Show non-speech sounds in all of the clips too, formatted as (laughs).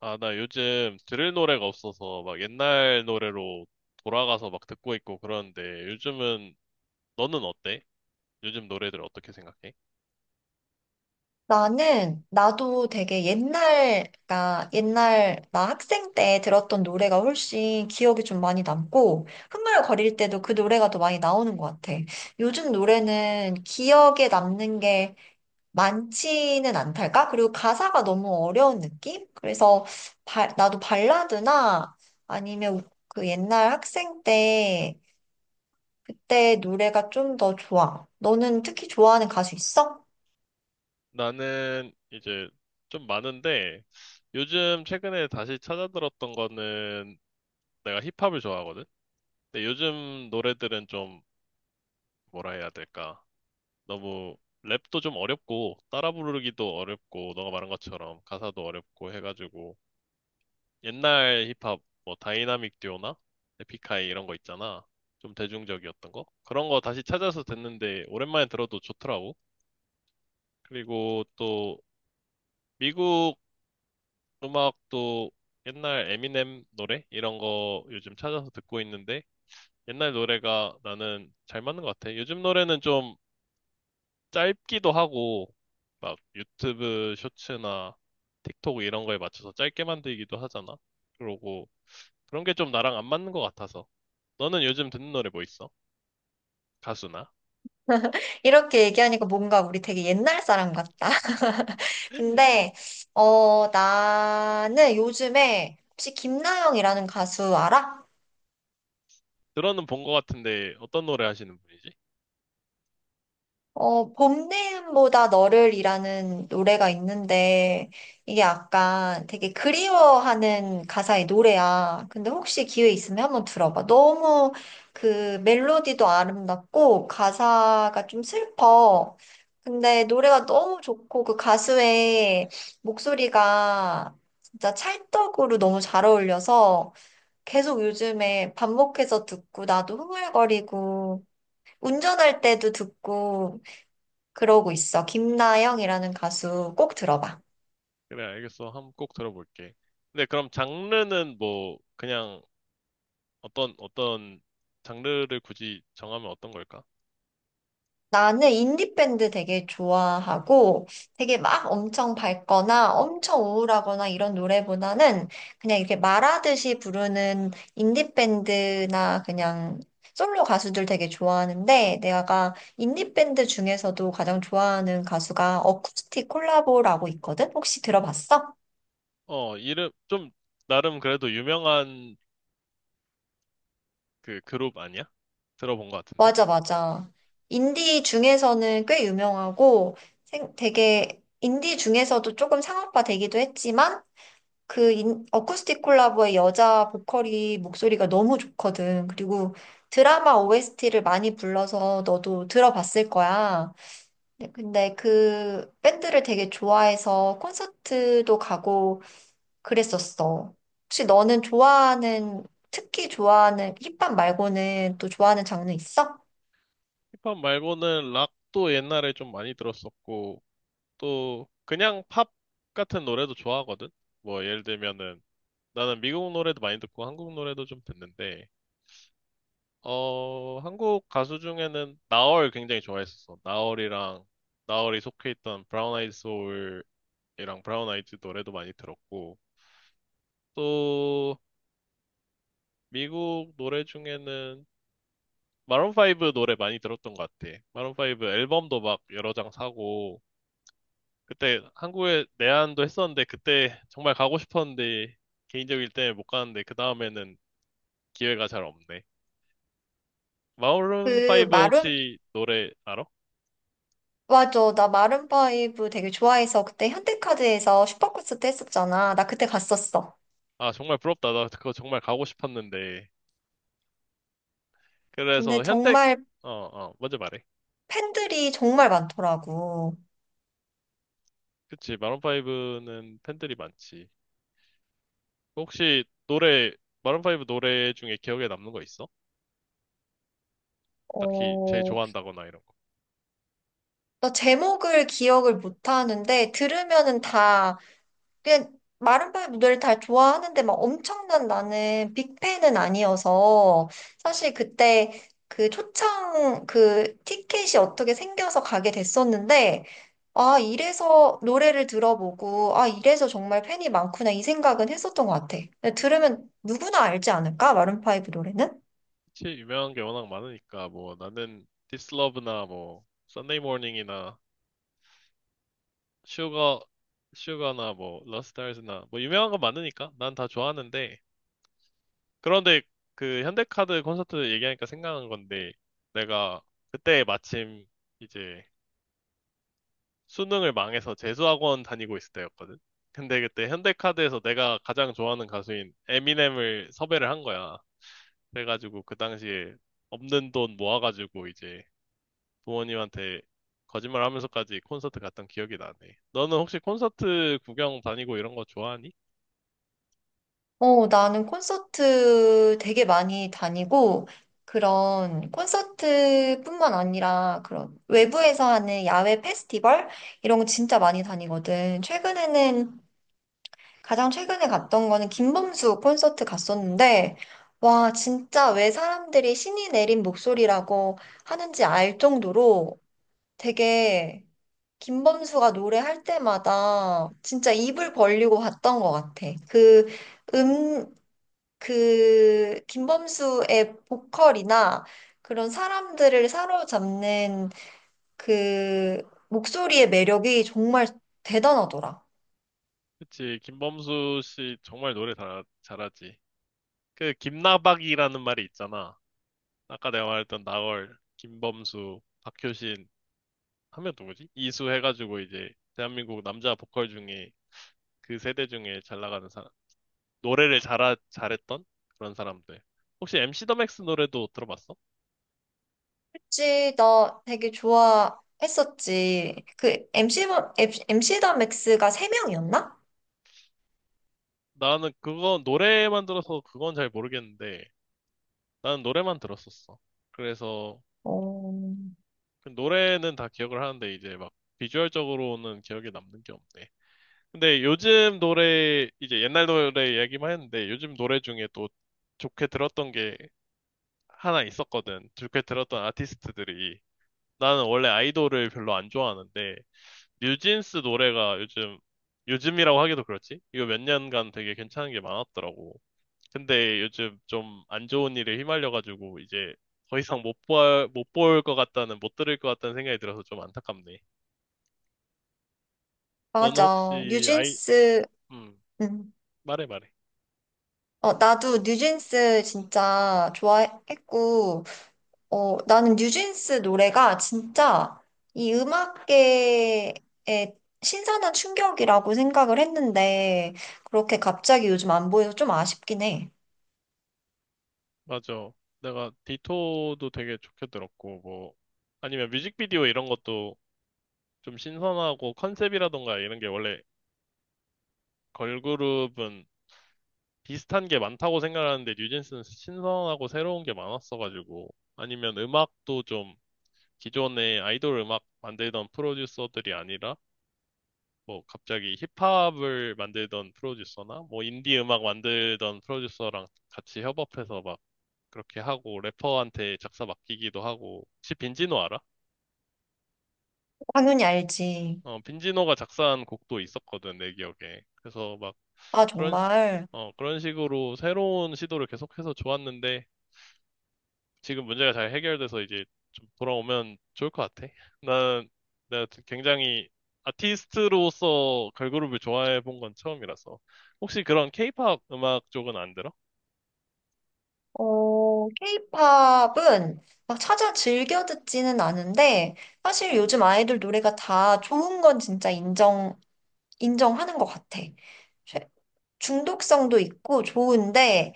아, 나 요즘 들을 노래가 없어서 막 옛날 노래로 돌아가서 막 듣고 있고 그러는데 요즘은 너는 어때? 요즘 노래들 어떻게 생각해? 나는, 나도 되게 옛날, 나 학생 때 들었던 노래가 훨씬 기억이 좀 많이 남고, 흥얼거릴 때도 그 노래가 더 많이 나오는 것 같아. 요즘 노래는 기억에 남는 게 많지는 않달까? 그리고 가사가 너무 어려운 느낌? 그래서 나도 발라드나 아니면 그 옛날 학생 때 그때 노래가 좀 더 좋아. 너는 특히 좋아하는 가수 있어? 나는 이제 좀 많은데 요즘 최근에 다시 찾아 들었던 거는 내가 힙합을 좋아하거든? 근데 요즘 노래들은 좀 뭐라 해야 될까? 너무 랩도 좀 어렵고 따라 부르기도 어렵고 너가 말한 것처럼 가사도 어렵고 해가지고 옛날 힙합 뭐 다이나믹 듀오나 에픽하이 이런 거 있잖아. 좀 대중적이었던 거. 그런 거 다시 찾아서 듣는데 오랜만에 들어도 좋더라고. 그리고 또 미국 음악도 옛날 에미넴 노래 이런 거 요즘 찾아서 듣고 있는데 옛날 노래가 나는 잘 맞는 것 같아. 요즘 노래는 좀 짧기도 하고 막 유튜브 쇼츠나 틱톡 이런 거에 맞춰서 짧게 만들기도 하잖아. 그러고 그런 게 좀 나랑 안 맞는 것 같아서. 너는 요즘 듣는 노래 뭐 있어? 가수나? 이렇게 얘기하니까 뭔가 우리 되게 옛날 사람 같다. (laughs) (laughs) 근데, 나는 요즘에 혹시 김나영이라는 가수 알아? 들어는 본 것 같은데 어떤 노래 하시는 분이지? 어, 봄내음보다 너를이라는 노래가 있는데, 이게 약간 되게 그리워하는 가사의 노래야. 근데 혹시 기회 있으면 한번 들어봐. 너무 그 멜로디도 아름답고, 가사가 좀 슬퍼. 근데 노래가 너무 좋고, 그 가수의 목소리가 진짜 찰떡으로 너무 잘 어울려서, 계속 요즘에 반복해서 듣고, 나도 흥얼거리고, 운전할 때도 듣고, 그러고 있어. 김나영이라는 가수 꼭 들어봐. 그래, 알겠어. 한번 꼭 들어볼게. 근데 그럼 장르는 뭐 그냥 어떤 장르를 굳이 정하면 어떤 걸까? 나는 인디밴드 되게 좋아하고 되게 막 엄청 밝거나 엄청 우울하거나 이런 노래보다는 그냥 이렇게 말하듯이 부르는 인디밴드나 그냥 솔로 가수들 되게 좋아하는데 내가 인디밴드 중에서도 가장 좋아하는 가수가 어쿠스틱 콜라보라고 있거든? 혹시 들어봤어? 어, 이름 좀 나름 그래도 유명한 그 그룹 아니야? 들어본 것 같은데. 맞아, 맞아. 인디 중에서는 꽤 유명하고 되게 인디 중에서도 조금 상업화 되기도 했지만 어쿠스틱 콜라보의 여자 보컬이 목소리가 너무 좋거든. 그리고 드라마 OST를 많이 불러서 너도 들어봤을 거야. 네, 근데 그 밴드를 되게 좋아해서 콘서트도 가고 그랬었어. 혹시 너는 좋아하는, 특히 좋아하는 힙합 말고는 또 좋아하는 장르 있어? 힙합 말고는 락도 옛날에 좀 많이 들었었고 또 그냥 팝 같은 노래도 좋아하거든. 뭐 예를 들면은 나는 미국 노래도 많이 듣고 한국 노래도 좀 듣는데, 어, 한국 가수 중에는 나얼 굉장히 좋아했었어. 나얼이랑, 나얼이 속해 있던 브라운 아이드 소울이랑 브라운 아이즈 노래도 많이 들었고, 또, 미국 노래 중에는 마룬 5 노래 많이 들었던 것 같아. 마룬 5 앨범도 막 여러 장 사고, 그때 한국에 내한도 했었는데, 그때 정말 가고 싶었는데, 개인적일 때문에 못 가는데, 그 다음에는 기회가 잘 없네. 마룬 그 5 마룸 혹시 노래 알아? 맞아. 나 마룬파이브 되게 좋아해서 그때 현대카드에서 슈퍼콘서트 했었잖아. 나 그때 갔었어. 아, 정말 부럽다. 나 그거 정말 가고 싶었는데. 근데 그래서 현대, 정말 먼저 말해. 팬들이 정말 많더라고. 그치, 마룬 5는 팬들이 많지. 혹시 노래, 마룬 5 노래 중에 기억에 남는 거 있어? 딱히 제일 어, 좋아한다거나 이런 거. 나 제목을 기억을 못 하는데 들으면은 다 그냥 마룬파이브 노래를 다 좋아하는데 막 엄청난 나는 빅팬은 아니어서 사실 그때 그 초창 그 티켓이 어떻게 생겨서 가게 됐었는데 아 이래서 노래를 들어보고 아 이래서 정말 팬이 많구나 이 생각은 했었던 것 같아. 들으면 누구나 알지 않을까? 마룬파이브 노래는? 그치, 유명한 게 워낙 많으니까, 뭐, 나는 This Love나 뭐, Sunday Morning이나 Sugar, Sugar나 뭐, Lost Stars나 뭐, 유명한 거 많으니까 난 다 좋아하는데, 그런데 그 현대카드 콘서트 얘기하니까 생각난 건데 내가 그때 마침 이제 수능을 망해서 재수학원 다니고 있을 때였거든. 근데 그때 현대카드에서 내가 가장 좋아하는 가수인 에미넴을 섭외를 한 거야. 그래가지고 그 당시에 없는 돈 모아가지고 이제 부모님한테 거짓말 하면서까지 콘서트 갔던 기억이 나네. 너는 혹시 콘서트 구경 다니고 이런 거 좋아하니? 어, 나는 콘서트 되게 많이 다니고, 그런 콘서트뿐만 아니라 그런 외부에서 하는 야외 페스티벌? 이런 거 진짜 많이 다니거든. 최근에는, 가장 최근에 갔던 거는 김범수 콘서트 갔었는데, 와, 진짜 왜 사람들이 신이 내린 목소리라고 하는지 알 정도로 되게 김범수가 노래할 때마다 진짜 입을 벌리고 봤던 것 같아. 음, 그 김범수의 보컬이나 그런 사람들을 사로잡는 그 목소리의 매력이 정말 대단하더라. 그치, 김범수 씨 정말 노래 잘하지. 그 김나박이라는 말이 있잖아. 아까 내가 말했던 나얼, 김범수, 박효신 하면 누구지? 이수 해가지고 이제 대한민국 남자 보컬 중에 그 세대 중에 잘 나가는 사람, 노래를 잘 잘했던 그런 사람들. 혹시 MC 더 맥스 노래도 들어봤어? 그치, 나 되게 좋아했었지. 그 MC, MC 더 맥스가 세명이었나. 나는 그거 노래만 들어서 그건 잘 모르겠는데 나는 노래만 들었었어. 그래서 어, 그 노래는 다 기억을 하는데 이제 막 비주얼적으로는 기억에 남는 게 없네. 근데 요즘 노래, 이제 옛날 노래 얘기만 했는데 요즘 노래 중에 또 좋게 들었던 게 하나 있었거든. 좋게 들었던 아티스트들이. 나는 원래 아이돌을 별로 안 좋아하는데 뉴진스 노래가 요즘, 요즘이라고 하기도 그렇지? 이거 몇 년간 되게 괜찮은 게 많았더라고. 근데 요즘 좀 안 좋은 일에 휘말려가지고 이제 더 이상 못 볼 것 같다는, 못 들을 것 같다는 생각이 들어서 좀 안타깝네. 너는 맞아. 혹시 아이, 뉴진스, 음, 음. 말해. 어, 나도 뉴진스 진짜 좋아했고, 어, 나는 뉴진스 노래가 진짜 이 음악계에 신선한 충격이라고 생각을 했는데, 그렇게 갑자기 요즘 안 보여서 좀 아쉽긴 해. 맞아. 내가 디토도 되게 좋게 들었고, 뭐, 아니면 뮤직비디오 이런 것도 좀 신선하고 컨셉이라던가 이런 게 원래 걸그룹은 비슷한 게 많다고 생각하는데 뉴진스는 신선하고 새로운 게 많았어가지고, 아니면 음악도 좀 기존의 아이돌 음악 만들던 프로듀서들이 아니라 뭐 갑자기 힙합을 만들던 프로듀서나 뭐 인디 음악 만들던 프로듀서랑 같이 협업해서 막 그렇게 하고 래퍼한테 작사 맡기기도 하고 혹시 빈지노 알아? 당연히 알지. 어 빈지노가 작사한 곡도 있었거든 내 기억에. 그래서 막 아, 그런 시- 정말. 어 그런 식으로 새로운 시도를 계속해서 좋았는데 지금 문제가 잘 해결돼서 이제 좀 돌아오면 좋을 것 같아. 나는 내가 굉장히 아티스트로서 걸그룹을 좋아해 본 건 처음이라서. 혹시 그런 케이팝 음악 쪽은 안 들어? 어, 케이팝은 막 찾아 즐겨 듣지는 않은데, 사실 요즘 아이돌 노래가 다 좋은 건 진짜 인정하는 것 같아. 중독성도 있고 좋은데,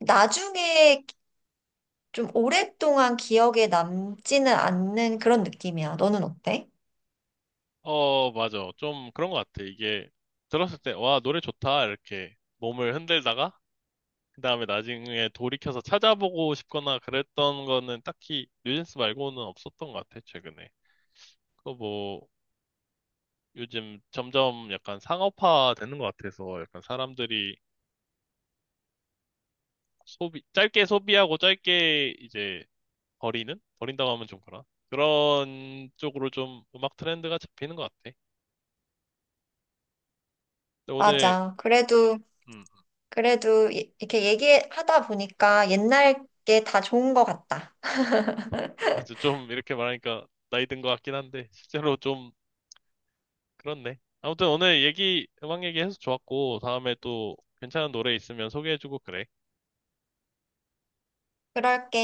나중에 좀 오랫동안 기억에 남지는 않는 그런 느낌이야. 너는 어때? 어, 맞아. 좀 그런 것 같아. 이게 들었을 때, 와, 노래 좋다. 이렇게 몸을 흔들다가, 그 다음에 나중에 돌이켜서 찾아보고 싶거나 그랬던 거는 딱히 뉴진스 말고는 없었던 것 같아, 최근에. 그거 뭐, 요즘 점점 약간 상업화 되는 것 같아서 약간 사람들이 소비, 짧게 소비하고 짧게 이제 버리는? 버린다고 하면 좀 그러나? 그런 쪽으로 좀 음악 트렌드가 잡히는 것 같아. 근데 오늘, 맞아. 그래도, 음, 그래도 이렇게 얘기하다 보니까 옛날 게 다 좋은 것 같다. 맞아. 좀 이렇게 말하니까 나이 든 것 같긴 한데, 실제로 좀 그렇네. 아무튼 오늘 얘기, 음악 얘기해서 좋았고, 다음에 또 괜찮은 노래 있으면 소개해주고 그래. 그럴게.